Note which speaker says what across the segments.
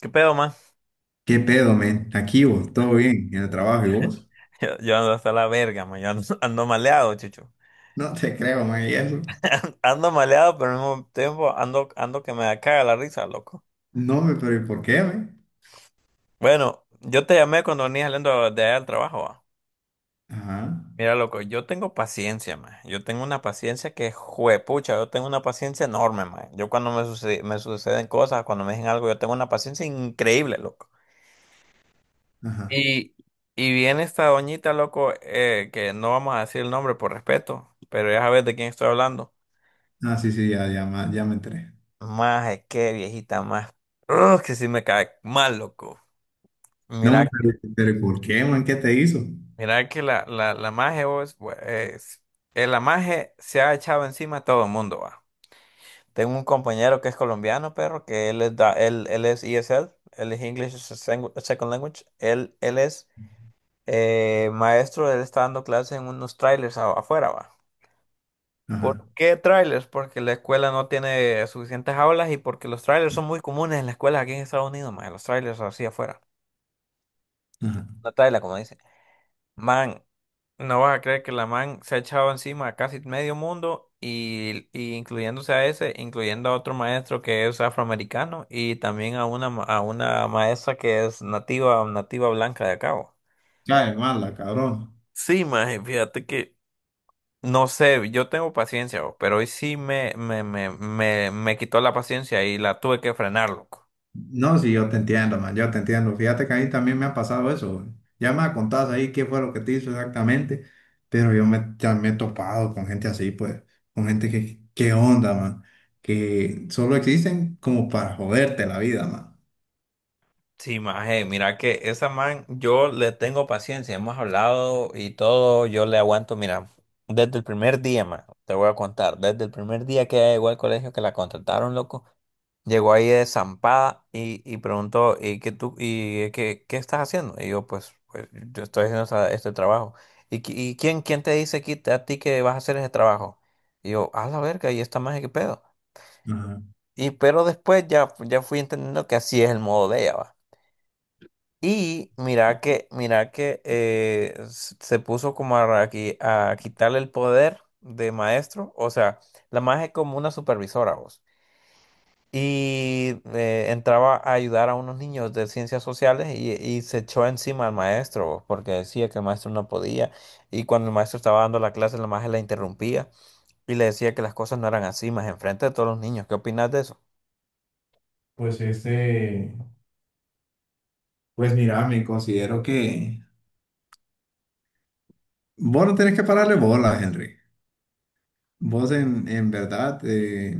Speaker 1: ¿Qué pedo, man?
Speaker 2: ¿Qué pedo, men? Aquí vos, todo bien, en el trabajo y vos.
Speaker 1: Yo ando hasta la verga, man. Yo ando, ando maleado, chucho.
Speaker 2: No te creo, man, y eso.
Speaker 1: Ando maleado, pero al mismo tiempo ando, ando que me caga la risa, loco.
Speaker 2: No, me, pero ¿y por qué, men?
Speaker 1: Bueno, yo te llamé cuando venía saliendo de allá al trabajo, va.
Speaker 2: Ajá,
Speaker 1: Mira, loco, yo tengo paciencia, man. Yo tengo una paciencia que, juepucha, yo tengo una paciencia enorme, man. Yo cuando me suceden cosas, cuando me dicen algo, yo tengo una paciencia increíble, loco.
Speaker 2: ajá.
Speaker 1: Y, y viene esta doñita, loco, que no vamos a decir el nombre por respeto, pero ya sabes de quién estoy hablando.
Speaker 2: Ah, sí, sí, ya, ya, ya me enteré.
Speaker 1: Más es que viejita, más. Ugh, que sí me cae mal, loco.
Speaker 2: No,
Speaker 1: Mira,
Speaker 2: pero ¿y por qué, man? ¿Qué te hizo?
Speaker 1: mira que la maje vos, es, la maje se ha echado encima a todo el mundo, va. Tengo un compañero que es colombiano, perro, que él es ESL, él es English as a Second Language, él es maestro, él está dando clases en unos trailers afuera, va. ¿Por
Speaker 2: Ajá,
Speaker 1: qué trailers? Porque la escuela no tiene suficientes aulas y porque los trailers son muy comunes en las escuelas aquí en Estados Unidos, más los trailers así afuera.
Speaker 2: ajá.
Speaker 1: La Tayla, como dice. Man, no vas a creer que la man se ha echado encima a casi medio mundo y incluyéndose a ese, incluyendo a otro maestro que es afroamericano y también a una, a una maestra que es nativa, nativa blanca de acá, bo.
Speaker 2: Cae mala, cabrón.
Speaker 1: Sí, maje, fíjate que no sé, yo tengo paciencia, bo, pero hoy sí me quitó la paciencia y la tuve que frenar, loco.
Speaker 2: No, sí, yo te entiendo, man, yo te entiendo. Fíjate que a mí también me ha pasado eso. Ya me contás ahí qué fue lo que te hizo exactamente, pero ya me he topado con gente así, pues, con gente que, qué onda, man, que solo existen como para joderte la vida, man.
Speaker 1: Sí, maje, mira que esa man, yo le tengo paciencia, hemos hablado y todo, yo le aguanto, mira, desde el primer día, man, te voy a contar, desde el primer día que ella llegó al colegio, que la contrataron, loco, llegó ahí de zampada y preguntó, ¿y qué tú, y qué estás haciendo? Y yo, pues, yo estoy haciendo este trabajo. ¿Y, quién te dice aquí, a ti que vas a hacer ese trabajo? Y yo, a la verga, y esta maje, ¿qué pedo?
Speaker 2: Ajá.
Speaker 1: Y pero después ya fui entendiendo que así es el modo de ella, va. Y mira que se puso como a, a quitarle el poder de maestro. O sea, la maestra es como una supervisora, vos. Y entraba a ayudar a unos niños de ciencias sociales y se echó encima al maestro, vos, porque decía que el maestro no podía. Y cuando el maestro estaba dando la clase, la maestra la interrumpía y le decía que las cosas no eran así, más enfrente de todos los niños. ¿Qué opinas de eso?
Speaker 2: Pues este, pues mira, me considero que vos no tenés que pararle bola, Henry. Vos en verdad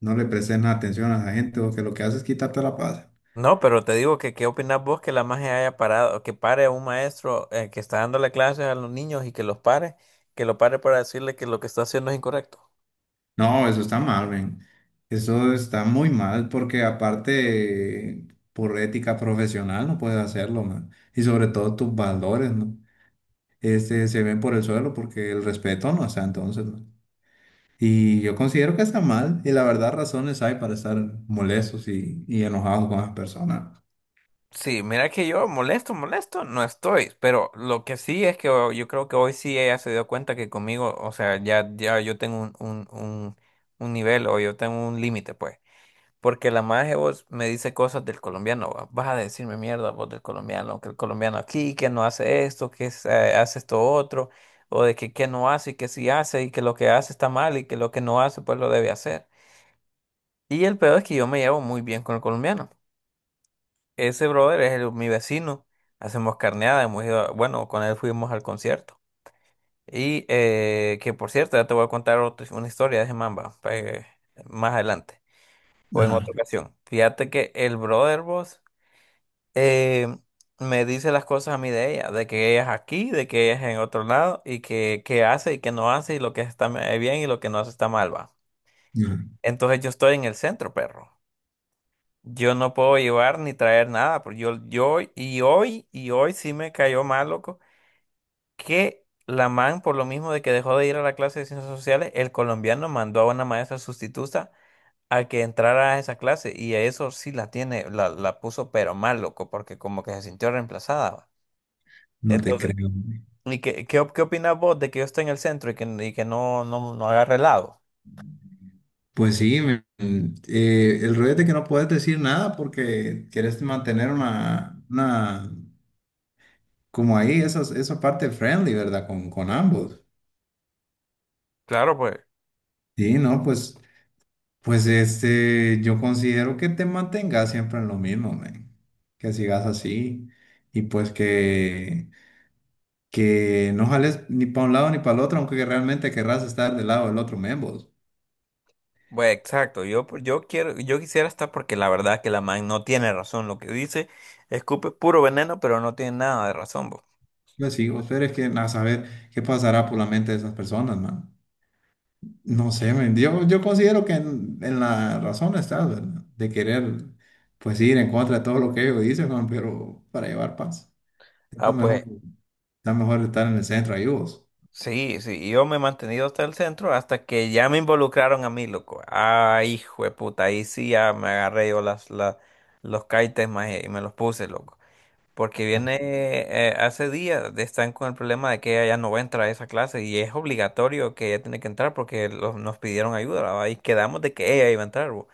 Speaker 2: no le prestes nada atención a la gente, vos que lo que haces es quitarte la paz.
Speaker 1: No, pero te digo que qué opinas vos que la magia haya parado, que pare a un maestro que está dándole clases a los niños y que los pare, que lo pare para decirle que lo que está haciendo es incorrecto.
Speaker 2: No, eso está mal, ven. Eso está muy mal porque aparte por ética profesional no puedes hacerlo, man. Y sobre todo tus valores, ¿no? Este, se ven por el suelo porque el respeto no está entonces, man. Y yo considero que está mal y la verdad razones hay para estar molestos y enojados con las personas.
Speaker 1: Sí, mira que yo molesto, molesto, no estoy, pero lo que sí es que yo creo que hoy sí ella se dio cuenta que conmigo, o sea, ya yo tengo un nivel o yo tengo un límite, pues. Porque la maje vos me dice cosas del colombiano, va, vas a decirme mierda vos del colombiano, que el colombiano aquí, que no hace esto, que es, hace esto otro, o de que no hace y que sí hace y que lo que hace está mal y que lo que no hace pues lo debe hacer. Y el peor es que yo me llevo muy bien con el colombiano. Ese brother es mi vecino, hacemos carneada, hemos ido, bueno, con él fuimos al concierto. Y que por cierto, ya te voy a contar una historia de ese mamba, más adelante, o en
Speaker 2: Ajá.
Speaker 1: otra ocasión. Fíjate que el brother vos eh, me dice las cosas a mí de ella, de que ella es aquí, de que ella es en otro lado y que hace y que no hace y lo que está bien y lo que no hace está mal, va.
Speaker 2: No,
Speaker 1: Entonces yo estoy en el centro, perro. Yo no puedo llevar ni traer nada, porque y hoy sí me cayó mal, loco, que la man, por lo mismo de que dejó de ir a la clase de ciencias sociales, el colombiano mandó a una maestra sustituta a que entrara a esa clase y a eso sí la tiene, la puso pero mal, loco, porque como que se sintió reemplazada, va.
Speaker 2: no te
Speaker 1: Entonces,
Speaker 2: creo, güey.
Speaker 1: ¿y qué opinas vos de que yo esté en el centro y que no agarre helado?
Speaker 2: Pues sí, el rollo es de que no puedes decir nada porque quieres mantener una, como ahí, eso, eso parte friendly, ¿verdad? Con ambos.
Speaker 1: Claro, pues.
Speaker 2: Sí, no, pues, pues este, yo considero que te mantengas siempre en lo mismo, man. Que sigas así y pues que no jales ni para un lado ni para el otro, aunque realmente querrás estar del lado del otro, men, vos.
Speaker 1: Pues exacto, yo, pues, yo quiero, yo quisiera estar porque la verdad que la man no tiene razón. Lo que dice, escupe puro veneno, pero no tiene nada de razón, bo.
Speaker 2: Pues sí, vos, pero es que a saber qué pasará por la mente de esas personas, man. No sé, men, yo considero que en la razón estás, ¿verdad? De querer, pues ir en contra de todo lo que ellos dicen, man, pero para llevar paz. Está
Speaker 1: Ah,
Speaker 2: mejor,
Speaker 1: pues,
Speaker 2: está mejor estar en el centro ahí vos.
Speaker 1: sí, sí, y yo me he mantenido hasta el centro hasta que ya me involucraron a mí, loco. Ay, hijo de puta, ahí sí ya me agarré yo los caites más y me los puse, loco. Porque viene, hace días están con el problema de que ella ya no va a entrar a esa clase y es obligatorio que ella tiene que entrar porque nos pidieron ayuda, ¿va? Y quedamos de que ella iba a entrar, bo.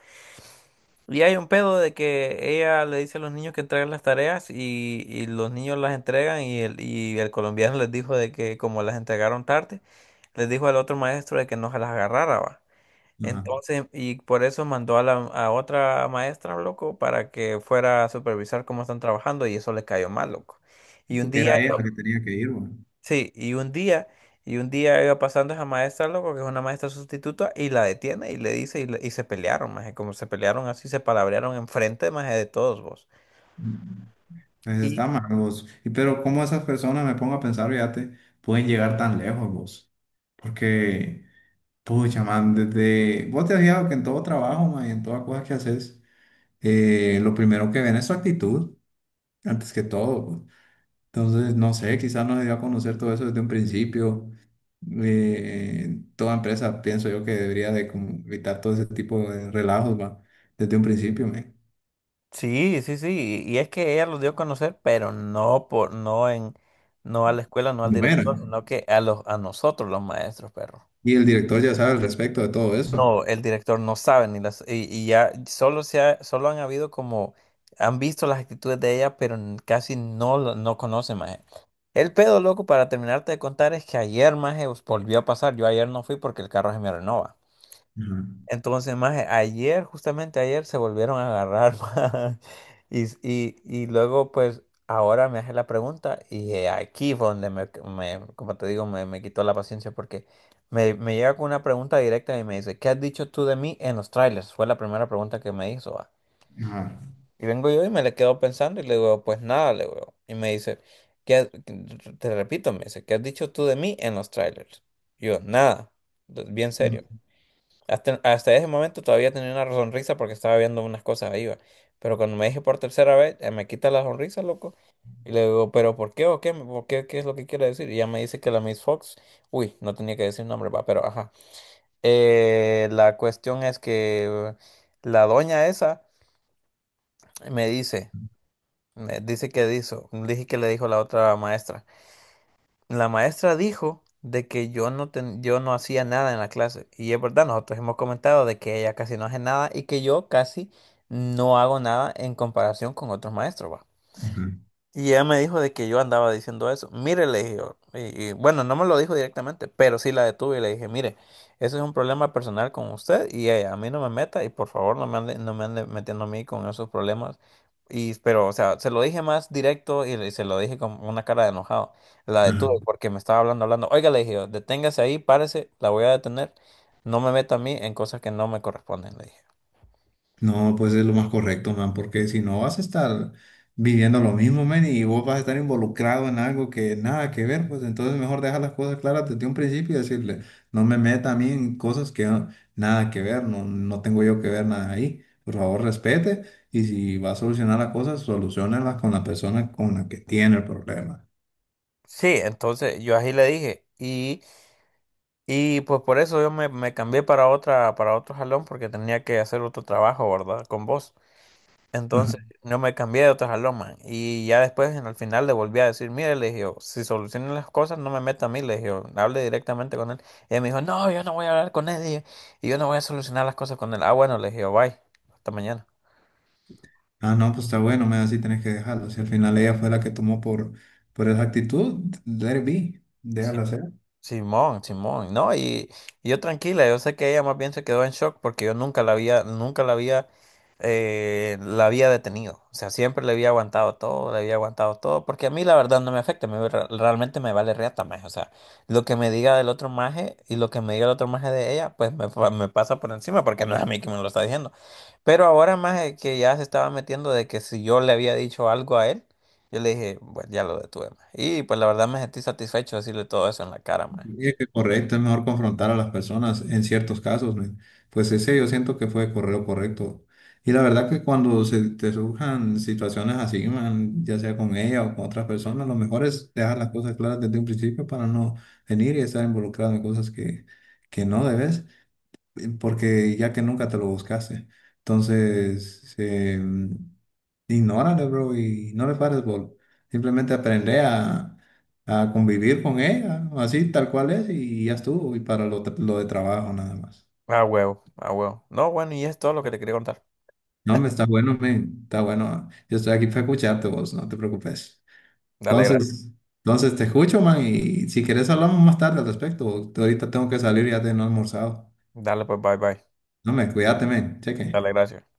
Speaker 1: Y hay un pedo de que ella le dice a los niños que entreguen las tareas y los niños las entregan y y el colombiano les dijo de que como las entregaron tarde, les dijo al otro maestro de que no se las agarrara, ¿va?
Speaker 2: Ajá.
Speaker 1: Entonces, y por eso mandó a la a otra maestra, loco, para que fuera a supervisar cómo están trabajando y eso le cayó mal, loco. Y un
Speaker 2: Creo que
Speaker 1: día,
Speaker 2: era ella la que tenía que ir, güey.
Speaker 1: sí, y un día iba pasando esa maestra, loco, que es una maestra sustituta, y la detiene y le dice, y se pelearon, maje, como se pelearon así, se palabrearon enfrente, maje, de todos vos.
Speaker 2: Mm. Pues
Speaker 1: Y
Speaker 2: está mal vos. Y pero cómo esas personas, me pongo a pensar, fíjate, pueden llegar tan lejos vos. Porque, pucha, man, desde... Vos te has fijado que en todo trabajo, man, y en toda cosa que haces, lo primero que ven es su actitud, antes que todo, pues. Entonces, no sé, quizás no se dio a conocer todo eso desde un principio. Toda empresa, pienso yo, que debería de como evitar todo ese tipo de relajos, va, desde un principio, me.
Speaker 1: sí, y es que ella los dio a conocer, pero no por, no en, no a la escuela, no al director,
Speaker 2: Bueno,
Speaker 1: sino que a los, a nosotros los maestros, perro.
Speaker 2: y el director ya sabe al respecto de todo eso.
Speaker 1: No, el director no sabe ni las y ya solo solo han habido como han visto las actitudes de ella, pero casi no no conocen más. El pedo loco para terminarte de contar es que ayer más volvió a pasar. Yo ayer no fui porque el carro se me renova.
Speaker 2: Ajá,
Speaker 1: Entonces, más ayer, justamente ayer, se volvieron a agarrar, maje. Y luego, pues, ahora me hace la pregunta y aquí fue donde como te digo, me quitó la paciencia porque me llega con una pregunta directa y me dice, ¿qué has dicho tú de mí en los trailers? Fue la primera pregunta que me hizo, va.
Speaker 2: ajá,
Speaker 1: Y vengo yo y me le quedo pensando y le digo, pues nada, le digo. Y me dice, ¿qué has- te repito, me dice, ¿qué has dicho tú de mí en los trailers? Y yo, nada, bien serio. Hasta, hasta ese momento todavía tenía una sonrisa porque estaba viendo unas cosas ahí, va. Pero cuando me dije por tercera vez, me quita la sonrisa, loco. Y le digo, ¿pero por qué o qué? ¿Por qué? ¿Qué es lo que quiere decir? Y ya me dice que la Miss Fox, uy, no tenía que decir nombre, va, pero ajá. La cuestión es que la doña esa me dice, me dice que dijo, dije que le dijo la otra maestra. La maestra dijo de que yo no, yo no hacía nada en la clase. Y es verdad, nosotros hemos comentado de que ella casi no hace nada y que yo casi no hago nada en comparación con otros maestros, ¿va?
Speaker 2: ajá,
Speaker 1: Y ella me dijo de que yo andaba diciendo eso. Mire, le dije yo. Bueno, no me lo dijo directamente, pero sí la detuve y le dije, mire, eso es un problema personal con usted y ella, a mí no me meta y por favor no me ande, no me ande metiendo a mí con esos problemas. Y, pero, o sea, se lo dije más directo se lo dije con una cara de enojado. La
Speaker 2: ajá.
Speaker 1: detuve porque me estaba hablando, hablando. Oiga, le dije yo, deténgase ahí, párese, la voy a detener. No me meta a mí en cosas que no me corresponden, le dije.
Speaker 2: No, pues es lo más correcto, man, porque si no vas a estar viviendo lo mismo, man, y vos vas a estar involucrado en algo que nada que ver, pues entonces mejor dejar las cosas claras desde un principio y decirle, no me meta a mí en cosas que nada que ver, no, no tengo yo que ver nada ahí. Por favor, respete y si va a solucionar las cosas, solucionalas con la persona con la que tiene el problema.
Speaker 1: Sí, entonces yo así le dije y... Y pues por eso yo me cambié para otra, para otro jalón porque tenía que hacer otro trabajo, ¿verdad? Con vos. Entonces
Speaker 2: Ajá.
Speaker 1: no me cambié de otro jalón, man. Y ya después en el final le volví a decir, mire, le dije, yo, si solucionan las cosas, no me meta a mí, le dije, yo, hable directamente con él. Y él me dijo, no, yo no voy a hablar con él y yo no voy a solucionar las cosas con él. Ah, bueno, le dije, yo, bye, hasta mañana.
Speaker 2: Ah, no, pues está bueno, man, así tenés que dejarlo. Si al final ella fue la que tomó por esa actitud, let it be, déjala hacer.
Speaker 1: Simón, Simón, no, y yo tranquila, yo sé que ella más bien se quedó en shock porque yo nunca la había, nunca la había, la había detenido, o sea, siempre le había aguantado todo, le había aguantado todo, porque a mí la verdad no me afecta, realmente me vale reata, maje, o sea, lo que me diga del otro maje y lo que me diga el otro maje de ella, me pasa por encima porque no es a mí que me lo está diciendo, pero ahora maje que ya se estaba metiendo de que si yo le había dicho algo a él, yo le dije, bueno, ya lo detuve, maje. Y pues la verdad me sentí satisfecho de decirle todo eso en la cara, maje.
Speaker 2: Sí, correcto, es mejor confrontar a las personas en ciertos casos, men. Pues ese yo siento que fue lo correcto. Y la verdad que cuando se te surjan situaciones así, man, ya sea con ella o con otras personas, lo mejor es dejar las cosas claras desde un principio para no venir y estar involucrado en cosas que no debes porque ya que nunca te lo buscaste. Entonces, ignórale, bro, y no le pares bola. Simplemente aprende a convivir con ella, así tal cual es, y ya estuvo, y para lo de trabajo nada más.
Speaker 1: A huevo, a huevo. No, bueno, y es todo lo que te quería contar.
Speaker 2: No, me está bueno, men, está bueno. Yo estoy aquí para escucharte vos, no te preocupes.
Speaker 1: Dale, gracias.
Speaker 2: Entonces, entonces te escucho, man, y si quieres hablamos más tarde al respecto. Ahorita tengo que salir, ya te no he almorzado.
Speaker 1: Dale, pues, bye, bye.
Speaker 2: No, me cuídate, men, cheque.
Speaker 1: Dale, gracias.